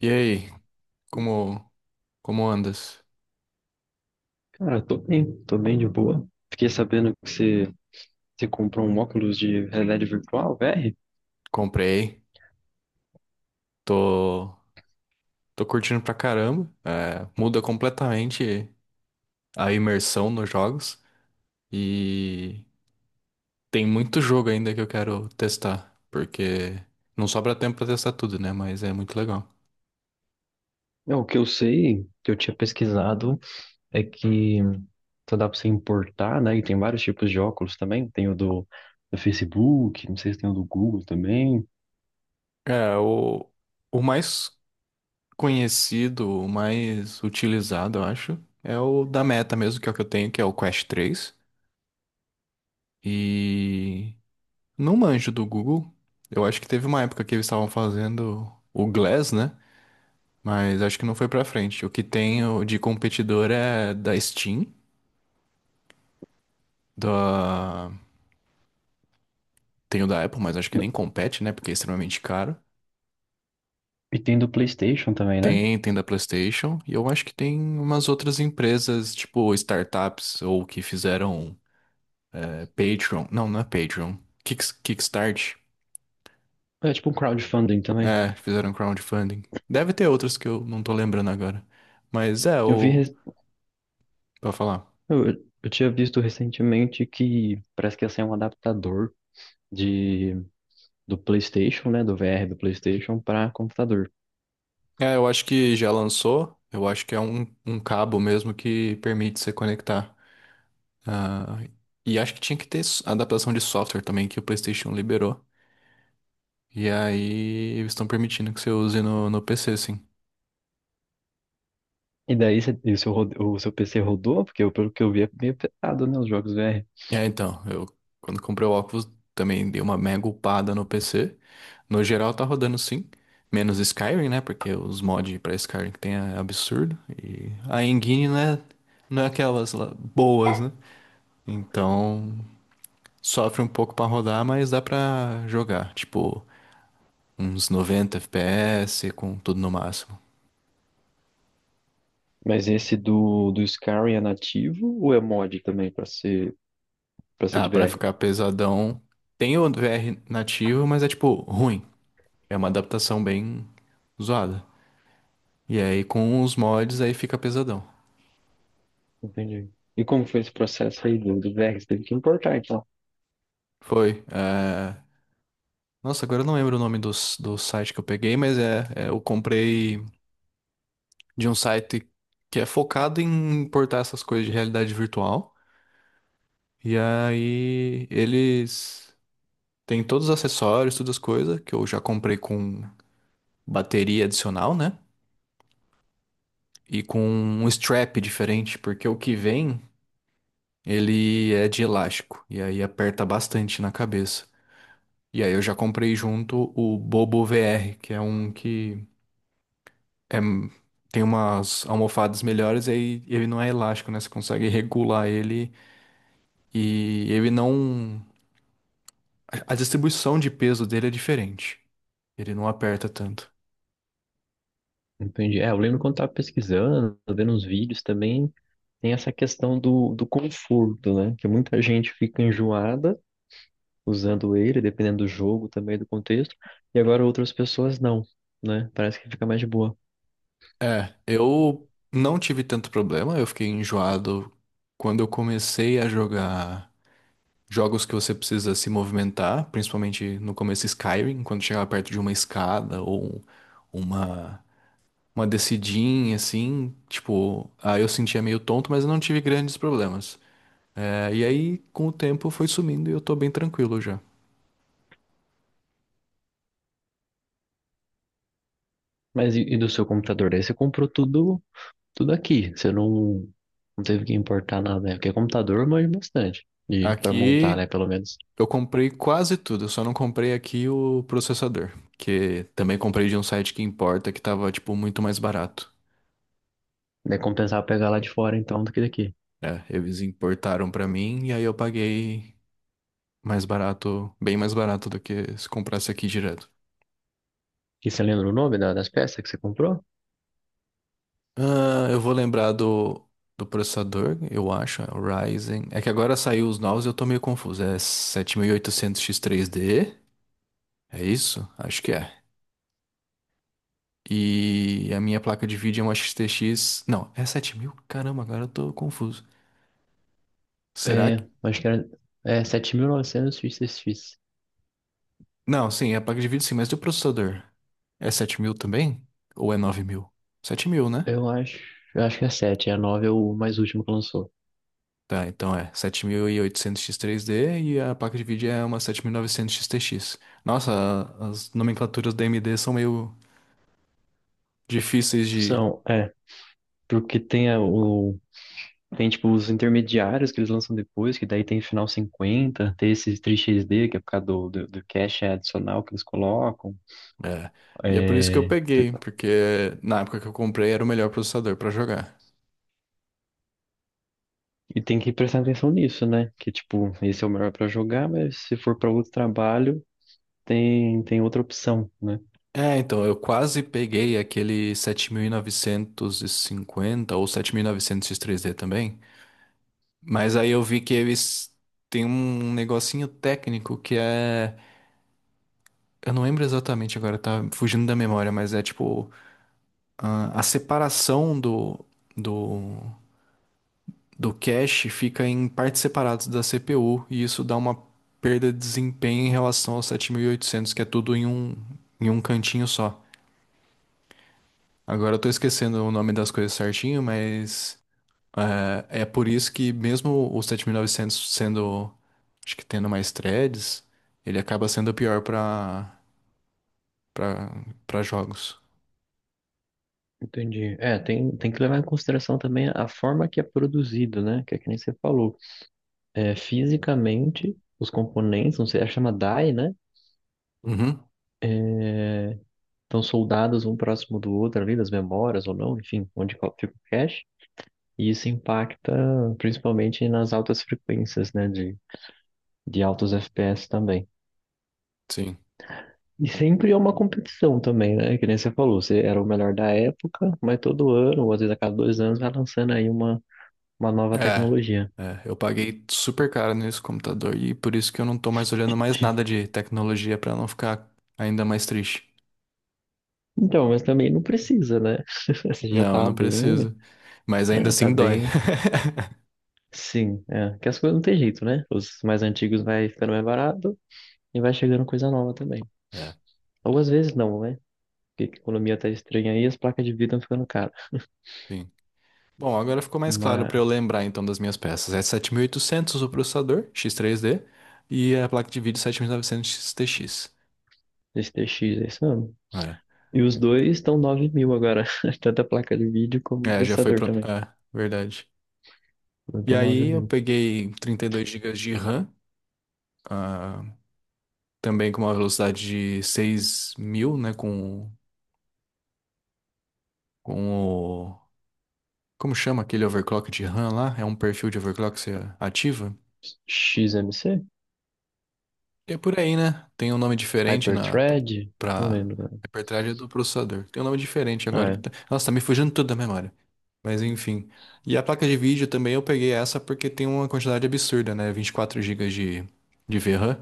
E aí, como como andas? Cara, tô bem de boa. Fiquei sabendo que você comprou um óculos de realidade virtual, VR. Comprei, tô tô curtindo pra caramba. É, muda completamente a imersão nos jogos e tem muito jogo ainda que eu quero testar, porque não sobra tempo pra testar tudo, né? Mas é muito legal. É, o que eu sei, que eu tinha pesquisado, é que só dá pra você importar, né? E tem vários tipos de óculos também. Tem o do Facebook, não sei se tem o do Google também. É, o mais conhecido, o mais utilizado, eu acho, é o da Meta mesmo, que é o que eu tenho, que é o Quest três. E não manjo do Google. Eu acho que teve uma época que eles estavam fazendo o Glass, né? Mas acho que não foi pra frente. O que tem de competidor é da Steam, da... tem o da Apple, mas acho que nem compete, né? Porque é extremamente caro. E tem do PlayStation também, né? Tem, tem da PlayStation. E eu acho que tem umas outras empresas, tipo startups, ou que fizeram Patreon. Não é Patreon. Kickstart. É tipo um crowdfunding também. É, fizeram crowdfunding. Deve ter outras que eu não tô lembrando agora. Mas é, Eu vi, o... res- Pra falar. eu, eu tinha visto recentemente que parece que ia sair um adaptador de, do PlayStation, né? Do VR do PlayStation para computador. É, eu acho que já lançou. Eu acho que é um cabo mesmo que permite você conectar. Ah, e acho que tinha que ter adaptação de software também, que o PlayStation liberou. E aí eles estão permitindo que você use no PC, sim. E o seu, o seu PC rodou? Porque pelo que eu vi é meio pesado, né? Os jogos VR. É, então, eu quando comprei o óculos também dei uma mega upada no PC. No geral tá rodando sim. Menos Skyrim, né? Porque os mods pra Skyrim que tem é absurdo. E a engine, né? Não é aquelas lá boas, né? Então, sofre um pouco pra rodar, mas dá pra jogar. Tipo, uns 90 FPS com tudo no máximo. Mas esse do Skyrim é nativo ou é mod também para ser Ah, de pra VR? ficar pesadão. Tem o VR nativo, mas é tipo ruim. É uma adaptação bem zoada. E aí com os mods aí fica pesadão. Entendi. E como foi esse processo aí do VR? Você teve que importar, então. Foi. Nossa, agora eu não lembro o nome do, do site que eu peguei, mas eu comprei de um site que é focado em importar essas coisas de realidade virtual. E aí eles tem todos os acessórios, todas as coisas que eu já comprei com bateria adicional, né? E com um strap diferente, porque o que vem, ele é de elástico e aí aperta bastante na cabeça. E aí eu já comprei junto o Bobo VR, que é um que é, tem umas almofadas melhores e aí ele não é elástico, né? Você consegue regular ele e ele não a distribuição de peso dele é diferente. Ele não aperta tanto. Entendi. É, eu lembro quando tava pesquisando, vendo uns vídeos também, tem essa questão do conforto, né? Que muita gente fica enjoada usando ele, dependendo do jogo também, do contexto. E agora outras pessoas não, né? Parece que fica mais de boa. É, eu não tive tanto problema, eu fiquei enjoado quando eu comecei a jogar jogos que você precisa se movimentar, principalmente no começo Skyrim, quando chegava perto de uma escada ou uma uma descidinha assim, tipo, aí eu sentia meio tonto, mas eu não tive grandes problemas. É, e aí com o tempo foi sumindo e eu tô bem tranquilo já. Mas e do seu computador? Daí você comprou tudo, tudo aqui. Você não, não teve que importar nada, né? Porque é computador manja bastante. E para montar, né? Aqui Pelo menos. eu comprei quase tudo, eu só não comprei aqui o processador, que também comprei de um site que importa que tava, tipo, muito mais barato. Daí compensava pegar lá de fora, então, do que daqui. É, eles importaram pra mim e aí eu paguei mais barato, bem mais barato do que se comprasse aqui direto. E você lembra o nome das peças que você comprou? Ah, eu vou lembrar do, do processador, eu acho, é o Ryzen. É que agora saiu os novos e eu tô meio confuso. É sete mil e oitocentos x 3 d. É isso? Acho que é. E a minha placa de vídeo é uma XTX. Não, é 7000. Caramba, agora eu tô confuso. Será que. É, acho que era é, 7.900 XXX. Não, sim, é placa de vídeo sim, mas e o processador? É 7000 também? Ou é nove mil? Sete mil, né? Eu acho, eu acho que é 7. É a 9 é o mais último que lançou. Tá, então é sete mil e oitocentos x 3D e a placa de vídeo é uma 7900X TX. Nossa, as nomenclaturas da AMD são meio difíceis de. São, é. Porque tem a- o tem, tipo, os intermediários que eles lançam depois, que daí tem final 50, tem esses 3XD, que é por causa do cache adicional que eles colocam. É. E é por isso que eu É. peguei, porque na época que eu comprei era o melhor processador pra jogar. E tem que prestar atenção nisso, né? Que, tipo, esse é o melhor pra jogar, mas se for pra outro trabalho, tem outra opção, né? É, então, eu quase peguei aquele 7950 ou sete mil e novecentos x 3 d também. Mas aí eu vi que eles têm um negocinho técnico que é. Eu não lembro exatamente agora, tá fugindo da memória, mas é tipo. A separação do, do cache fica em partes separadas da CPU, e isso dá uma perda de desempenho em relação ao 7800 que é tudo em em um cantinho só. Agora eu tô esquecendo o nome das coisas certinho, mas. É, é por isso que mesmo o 7900 sendo, acho que tendo mais threads, ele acaba sendo pior para para jogos. Entendi. É, tem que levar em consideração também a forma que é produzido, né? Que é que nem você falou. É, fisicamente, os componentes, não sei, a chama DAI, né? Uhum, Então, soldados um próximo do outro ali, das memórias ou não, enfim, onde fica o cache. E isso impacta principalmente nas altas frequências, né, de altos FPS também. sim. E sempre é uma competição também, né? Que nem você falou, você era o melhor da época, mas todo ano, ou às vezes a cada 2 anos, vai lançando aí uma nova É, tecnologia. Eu paguei super caro nesse computador e por isso que eu não tô mais olhando mais nada de tecnologia para não ficar ainda mais triste. Então, mas também não precisa, né? Você já Não, tá não bem, preciso. Mas ainda né, tá assim dói. bem, sim, é. Que as coisas não tem jeito, né? Os mais antigos vai ficando mais barato e vai chegando coisa nova também. É. Ou às vezes não, né? Porque a economia tá estranha aí, as placas de vídeo estão ficando caras. Sim. Bom, agora ficou mais claro para eu Uma lembrar então das minhas peças. É 7800 o processador x três d e a placa de vídeo 7900 XTX. STX, é isso mesmo. É, E os dois estão 9000 agora. Tanto a placa de vídeo como o é já foi processador pronto. também. É, verdade. E Levantou 9 aí eu mil. peguei 32 gigas de RAM, ah, também com uma velocidade de 6000 né, com o... Como chama aquele overclock de RAM lá? É um perfil de overclock que você ativa? XMC? É por aí, né? Tem um nome diferente na Hyperthread? Não para lembro. Né? hiperthread do processador. Tem um nome diferente agora Ah, que é. tá... Nossa, tá me fugindo tudo da memória. Mas enfim. E a placa de vídeo também eu peguei essa porque tem uma quantidade absurda, né? 24 gigas de VRAM.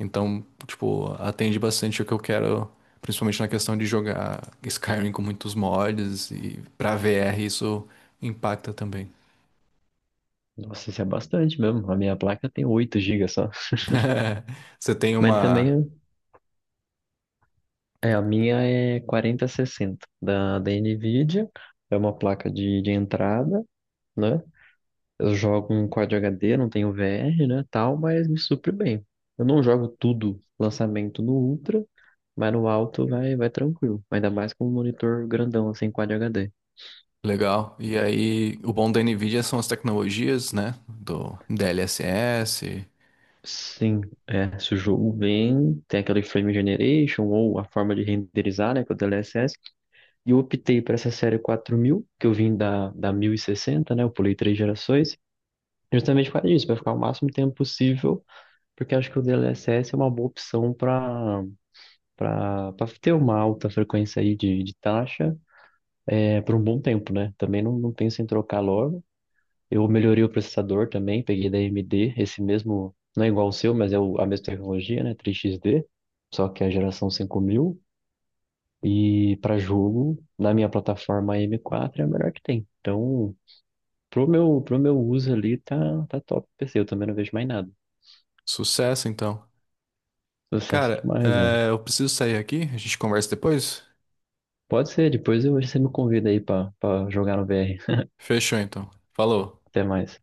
Então, tipo, atende bastante o que eu quero, principalmente na questão de jogar Skyrim com muitos mods e pra VR isso impacta também. Nossa, isso é bastante mesmo. A minha placa tem 8 gigas só. Você tem Mas uma também, é, a minha é 4060 da NVIDIA. É uma placa de entrada, né? Eu jogo um Quad HD, não tenho VR, né, tal, mas me supre bem. Eu não jogo tudo lançamento no Ultra, mas no alto vai tranquilo. Ainda mais com um monitor grandão, assim, Quad HD. legal. E aí, o bom da NVIDIA são as tecnologias, né? Do DLSS. Sim, é, se o jogo vem, tem aquele frame generation ou a forma de renderizar, né, com o DLSS. E eu optei por essa série 4000, que eu vim da 1060, né, eu pulei três gerações, justamente por causa disso, para ficar o máximo tempo possível, porque acho que o DLSS é uma boa opção para ter uma alta frequência aí de taxa, é, por um bom tempo, né? Também não, não penso em trocar logo. Eu melhorei o processador também, peguei da AMD, esse mesmo, não é igual ao seu, mas é a mesma tecnologia, né? 3XD, só que é a geração 5000. E para jogo, na minha plataforma M4 é a melhor que tem. Então, pro meu uso ali, tá top o PC, eu também não vejo mais nada. Sucesso, então. Sucesso Cara, demais, velho. é, eu preciso sair aqui. A gente conversa depois? Pode ser, depois você me convida aí pra jogar no VR. Fechou, então. Falou. Até mais.